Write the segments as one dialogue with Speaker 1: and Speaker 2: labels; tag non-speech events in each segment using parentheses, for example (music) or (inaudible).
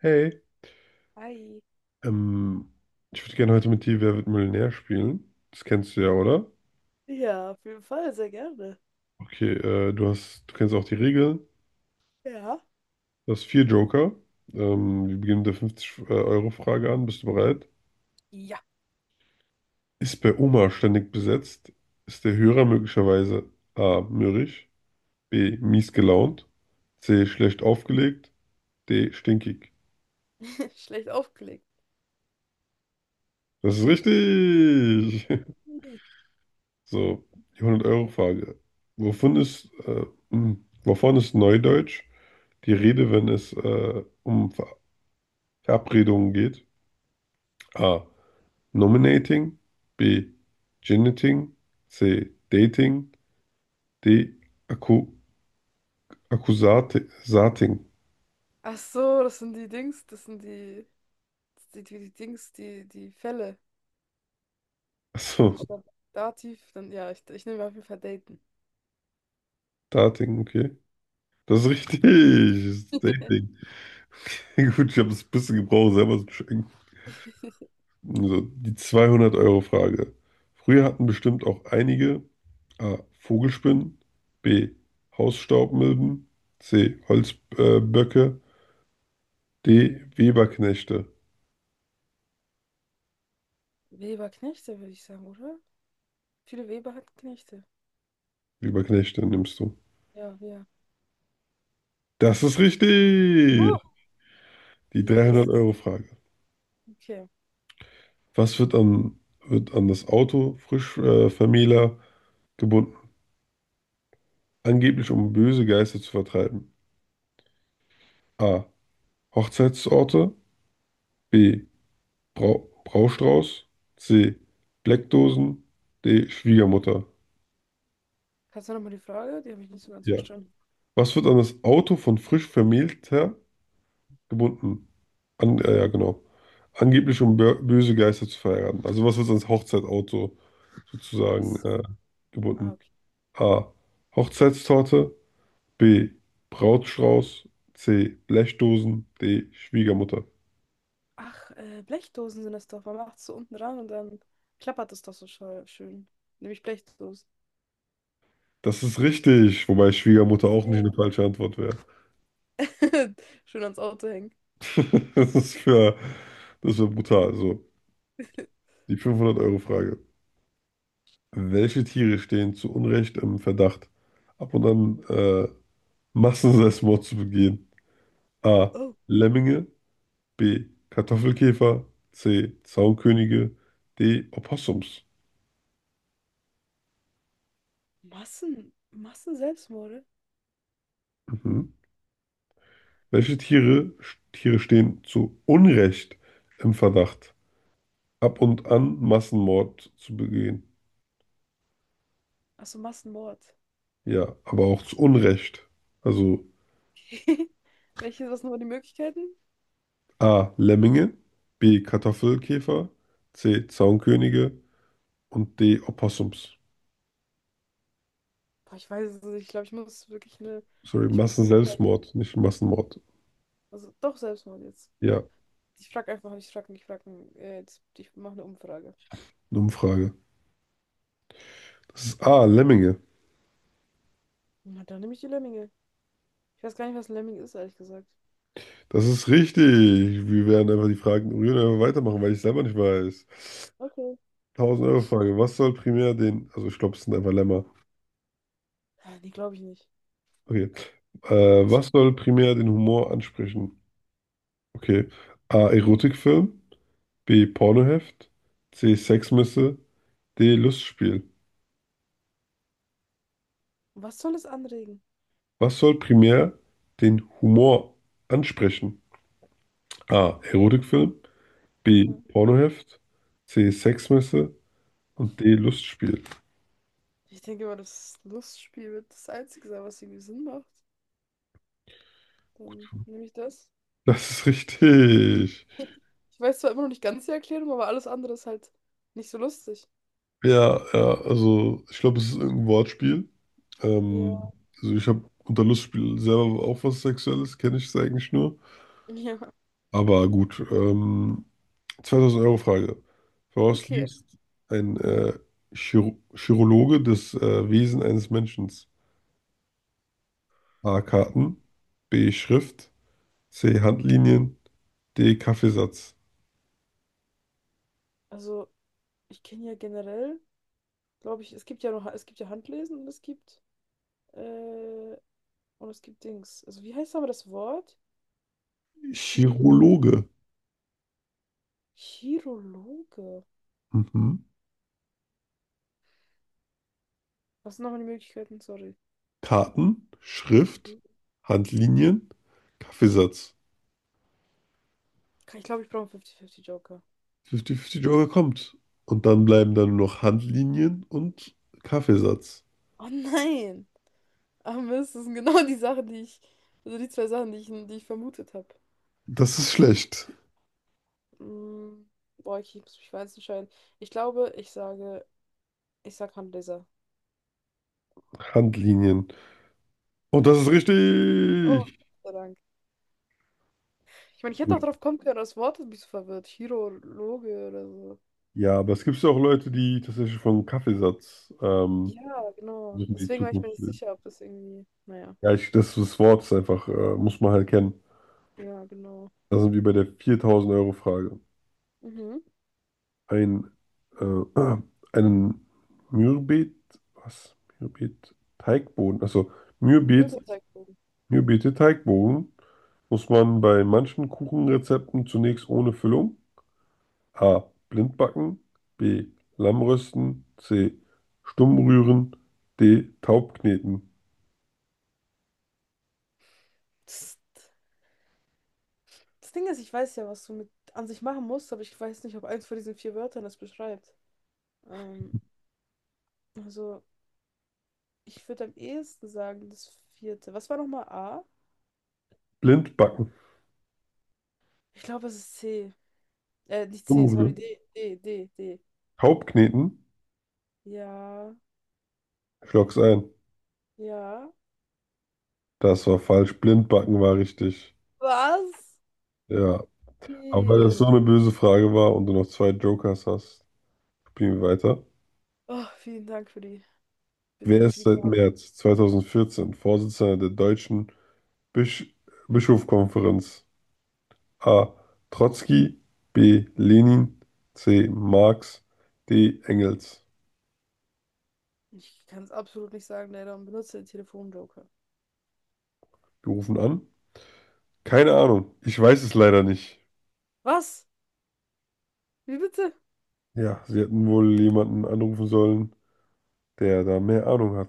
Speaker 1: Hey,
Speaker 2: Hi.
Speaker 1: ähm, ich würde gerne heute mit dir Wer wird Millionär spielen. Das kennst du ja, oder?
Speaker 2: Ja, auf jeden Fall, sehr gerne.
Speaker 1: Okay, du kennst auch die Regeln.
Speaker 2: Ja.
Speaker 1: Du hast vier Joker. Wir beginnen mit der 50-Euro-Frage an. Bist du bereit?
Speaker 2: Ja.
Speaker 1: Ist bei Oma ständig besetzt? Ist der Hörer möglicherweise A. mürrisch, B. mies gelaunt, C. schlecht aufgelegt, D. stinkig?
Speaker 2: (laughs) Schlecht aufgelegt.
Speaker 1: Das ist richtig! (laughs)
Speaker 2: Mhm.
Speaker 1: So, die 100-Euro-Frage. Wovon ist, äh, wovon ist Neudeutsch die Rede, wenn es um Verabredungen geht? A. Nominating. B. Geniting. C. Dating. D. Akku Akkusating.
Speaker 2: Ach so, das sind die Dings, das sind die, das sind die Dings, die Fälle. Also
Speaker 1: Achso,
Speaker 2: statt Dativ, dann ja, ich nehme auf jeden Fall Daten.
Speaker 1: Dating, okay. Das ist richtig. Das ist Dating.
Speaker 2: (laughs)
Speaker 1: (laughs) Gut, ich habe es ein bisschen gebraucht, selber zu checken. Also die 200-Euro-Frage. Früher hatten bestimmt auch einige A. Vogelspinnen, B. Hausstaubmilben, C. Holzböcke, die Weberknechte.
Speaker 2: Weber-Knechte, würde ich sagen, oder? Viele Weber hatten Knechte.
Speaker 1: Weberknechte nimmst du.
Speaker 2: Ja, ja.
Speaker 1: Das ist richtig.
Speaker 2: Oh,
Speaker 1: Die
Speaker 2: yes.
Speaker 1: 300-Euro-Frage.
Speaker 2: Okay.
Speaker 1: Was wird an das Auto frisch Vermähler gebunden? Angeblich, um böse Geister zu vertreiben. A. Hochzeitsorte. B. Bra Braustrauß. C. Bleckdosen. D. Schwiegermutter.
Speaker 2: Kannst du nochmal die Frage? Die habe ich nicht so ganz
Speaker 1: Ja.
Speaker 2: verstanden.
Speaker 1: Was wird an das Auto von frisch Vermählter gebunden? Ja, genau. Angeblich, um böse Geister zu verheiraten. Also, was wird ans Hochzeitauto
Speaker 2: Ach
Speaker 1: sozusagen
Speaker 2: so. Ah,
Speaker 1: gebunden.
Speaker 2: okay.
Speaker 1: A. Hochzeitstorte. B. Brautstrauß. C. Blechdosen. D. Schwiegermutter.
Speaker 2: Ach, Blechdosen sind das doch. Man macht es so unten dran und dann klappert es doch so schön. Nämlich Blechdosen.
Speaker 1: Das ist richtig, wobei Schwiegermutter auch nicht
Speaker 2: Äh,
Speaker 1: eine falsche Antwort wäre. (laughs)
Speaker 2: (laughs) Schön ans Auto hängen.
Speaker 1: Das ist für, Das wäre brutal. So,
Speaker 2: (laughs)
Speaker 1: die 500-Euro-Frage. Welche Tiere stehen zu Unrecht im Verdacht, ab und an Massenselbstmord zu begehen? A.
Speaker 2: Oh,
Speaker 1: Lemminge. B. Kartoffelkäfer. C. Zaunkönige. D. Opossums.
Speaker 2: Massenselbstmorde?
Speaker 1: Mhm. Welche Tiere stehen zu Unrecht im Verdacht, ab und an Massenmord zu begehen?
Speaker 2: Achso, Massenmord.
Speaker 1: Ja, aber auch zu Unrecht. Also
Speaker 2: (laughs) Welche, was sind aber die Möglichkeiten?
Speaker 1: A. Lemminge, B. Kartoffelkäfer, C. Zaunkönige und D. Opossums.
Speaker 2: Boah, ich weiß es nicht. Ich glaube, ich muss wirklich eine.
Speaker 1: Sorry,
Speaker 2: Ich muss eine. Umfrage.
Speaker 1: Massenselbstmord, nicht Massenmord.
Speaker 2: Also, doch Selbstmord jetzt.
Speaker 1: Ja,
Speaker 2: Ich frage einfach nicht, ich frage nicht, ich frage. Ich mache eine Umfrage.
Speaker 1: eine Umfrage. Das ist A. Lemminge.
Speaker 2: Na, dann nehme ich die Lemminge. Ich weiß gar nicht, was ein Lemming ist, ehrlich gesagt.
Speaker 1: Das ist richtig. Wir werden einfach die Fragen ignorieren und einfach weitermachen, weil ich selber nicht weiß.
Speaker 2: Okay.
Speaker 1: 1000-Euro-Frage. Was soll primär den, also ich glaube, es sind einfach Lämmer.
Speaker 2: Ah, nee, glaube ich nicht.
Speaker 1: Okay. Äh, Was soll primär den Humor ansprechen? Okay. A. Erotikfilm. B. Pornoheft. C. Sexmesse. D. Lustspiel.
Speaker 2: Und was soll es anregen?
Speaker 1: Was soll primär den Humor ansprechen? A. Erotikfilm. B.
Speaker 2: Hm.
Speaker 1: Pornoheft. C. Sexmesse. Und D. Lustspiel.
Speaker 2: Ich denke mal, das Lustspiel wird das Einzige sein, was irgendwie Sinn macht. Dann nehme ich das.
Speaker 1: Das ist richtig.
Speaker 2: (laughs) Ich weiß zwar immer noch nicht ganz die Erklärung, aber alles andere ist halt nicht so lustig.
Speaker 1: Ja, ja, also ich glaube, es ist irgendein Wortspiel.
Speaker 2: Ja,
Speaker 1: Ähm, also ich habe unter Lustspiel selber auch was Sexuelles, kenne ich es eigentlich nur.
Speaker 2: ja,
Speaker 1: Aber gut, 2000 Euro Frage. Woraus
Speaker 2: okay.
Speaker 1: liest ein Chirologe das Wesen eines Menschen? A. Karten, B. Schrift, C. Handlinien, D. Kaffeesatz.
Speaker 2: Also, ich kenne ja generell, glaube ich, es gibt ja noch, es gibt ja Handlesen äh, und es gibt Dings. Also, wie heißt aber das Wort? Chi
Speaker 1: Chirologe.
Speaker 2: Chirologe.
Speaker 1: Mhm.
Speaker 2: Was sind nochmal die Möglichkeiten? Sorry.
Speaker 1: Karten,
Speaker 2: Mhm.
Speaker 1: Schrift, Handlinien, Kaffeesatz.
Speaker 2: Ich glaube, ich brauche einen fünfzig 50 Joker.
Speaker 1: 50-50 Joker kommt. Und dann bleiben dann nur noch Handlinien und Kaffeesatz.
Speaker 2: Oh nein! Ah, Mist, das sind genau (laughs) die Sachen, also die zwei Sachen, die ich vermutet habe.
Speaker 1: Das ist schlecht.
Speaker 2: Mm, boah, ich muss mich für eins entscheiden. Ich glaube, ich sage, Ich sag Handleser.
Speaker 1: Handlinien. Und das ist
Speaker 2: Oh,
Speaker 1: richtig.
Speaker 2: Gott sei Dank. Ich meine, ich hätte auch
Speaker 1: Gut.
Speaker 2: drauf kommen können, aber das Wort hat mich so verwirrt. Chirologe oder so.
Speaker 1: Ja, aber es gibt ja auch Leute, die tatsächlich von Kaffeesatz
Speaker 2: Ja, genau.
Speaker 1: versuchen, die
Speaker 2: Deswegen war ich mir
Speaker 1: Zukunft.
Speaker 2: nicht sicher, ob das irgendwie. Naja.
Speaker 1: Ja, ich, das, das Wort ist einfach, muss man halt kennen.
Speaker 2: Ja, genau.
Speaker 1: Da sind wir bei der 4000-Euro-Frage.
Speaker 2: Mhm.
Speaker 1: Ein, äh, (clears throat) einen Mürbet, was? Mürbet, Teigboden, also Mürbet,
Speaker 2: Mürbeteigbogen.
Speaker 1: Mürbete Teigboden muss man bei manchen Kuchenrezepten zunächst ohne Füllung, A. Blindbacken. B. Lammrösten. C. Stummrühren. D. Taubkneten.
Speaker 2: Das, das Ding ist, ich weiß ja, was du mit an sich machen musst, aber ich weiß nicht, ob eins von diesen vier Wörtern das beschreibt. Ähm, also. Ich würde am ehesten sagen, das vierte. Was war nochmal A?
Speaker 1: Blindbacken.
Speaker 2: Ich glaube, es ist C. Nicht C, sorry,
Speaker 1: Stummrühren.
Speaker 2: D.
Speaker 1: Taubkneten?
Speaker 2: Ja,
Speaker 1: Ich logg's ein.
Speaker 2: ja.
Speaker 1: Das war falsch. Blindbacken war richtig.
Speaker 2: Was?
Speaker 1: Ja. Aber weil das
Speaker 2: D.
Speaker 1: so eine böse Frage war und du noch zwei Jokers hast, spielen wir weiter.
Speaker 2: Oh, vielen Dank für
Speaker 1: Wer
Speaker 2: für
Speaker 1: ist
Speaker 2: die
Speaker 1: seit
Speaker 2: genaue.
Speaker 1: März 2014 Vorsitzender der Deutschen Bisch Bischofskonferenz? A. Trotzki. B. Lenin. C. Marx. D. Engels.
Speaker 2: Ich kann es absolut nicht sagen, leider, und benutze den Telefonjoker.
Speaker 1: Wir rufen an. Keine Ahnung. Ich weiß es leider nicht.
Speaker 2: Was? Wie bitte?
Speaker 1: Ja, Sie hätten wohl jemanden anrufen sollen, der da mehr Ahnung hat.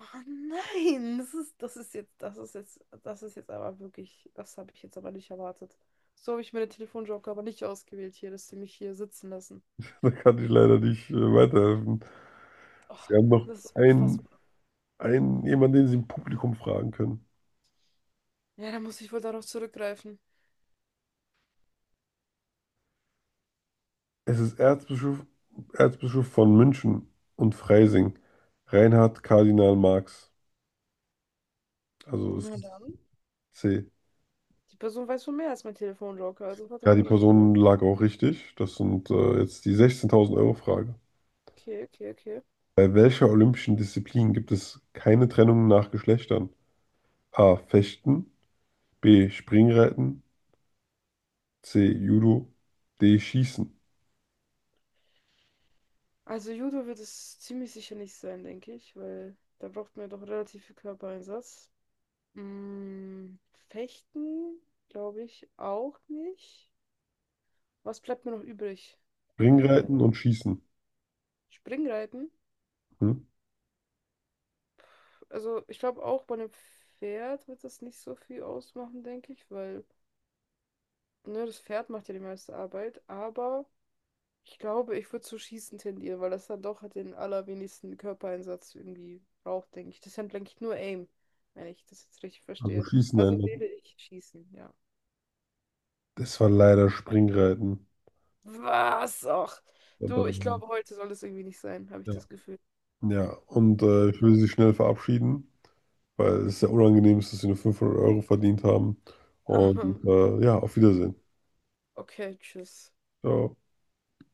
Speaker 2: Oh nein, das ist jetzt aber wirklich, das habe ich jetzt aber nicht erwartet. So habe ich mir den Telefonjoker aber nicht ausgewählt hier, dass sie mich hier sitzen lassen.
Speaker 1: (laughs) Da kann ich leider nicht weiterhelfen.
Speaker 2: Oh,
Speaker 1: Sie haben noch
Speaker 2: das ist
Speaker 1: einen,
Speaker 2: unfassbar.
Speaker 1: jemanden, den Sie im Publikum fragen können.
Speaker 2: Ja, da muss ich wohl darauf zurückgreifen.
Speaker 1: Es ist Erzbischof, von München und Freising, Reinhard Kardinal Marx. Also es
Speaker 2: Na
Speaker 1: ist
Speaker 2: dann.
Speaker 1: C.
Speaker 2: Die Person weiß wohl mehr als mein Telefonjoker, also
Speaker 1: Ja,
Speaker 2: vertraue
Speaker 1: die
Speaker 2: ich ihr.
Speaker 1: Person lag auch richtig. Das sind jetzt die 16.000 Euro Frage.
Speaker 2: Okay, okay, okay.
Speaker 1: Bei welcher olympischen Disziplin gibt es keine Trennung nach Geschlechtern? A. Fechten. B. Springreiten. C. Judo. D. Schießen.
Speaker 2: Also Judo wird es ziemlich sicher nicht sein, denke ich, weil da braucht man ja doch relativ viel Körpereinsatz. Mm, Fechten, glaube ich, auch nicht. Was bleibt mir noch übrig? Äh,
Speaker 1: Springreiten und Schießen.
Speaker 2: Springreiten.
Speaker 1: Hm?
Speaker 2: Also ich glaube auch bei einem Pferd wird das nicht so viel ausmachen, denke ich, weil ne, das Pferd macht ja die meiste Arbeit, aber. Ich glaube, ich würde zu Schießen tendieren, weil das dann doch den allerwenigsten Körpereinsatz irgendwie braucht, denke ich. Das ist dann, denke ich, nur Aim, wenn ich das jetzt richtig
Speaker 1: Also
Speaker 2: verstehe.
Speaker 1: Schießen
Speaker 2: Also
Speaker 1: einloggen.
Speaker 2: wähle ich Schießen, ja.
Speaker 1: Das war leider Springreiten.
Speaker 2: Was? Och.
Speaker 1: Und
Speaker 2: Du, ich
Speaker 1: dann-
Speaker 2: glaube, heute soll das irgendwie nicht sein, habe ich
Speaker 1: Ja.
Speaker 2: das Gefühl.
Speaker 1: Ja, ich
Speaker 2: Irgendwie.
Speaker 1: will Sie schnell verabschieden, weil es sehr unangenehm ist, dass Sie nur 500 Euro verdient haben. Und
Speaker 2: (laughs)
Speaker 1: ja, auf Wiedersehen.
Speaker 2: Okay, tschüss.
Speaker 1: Ciao.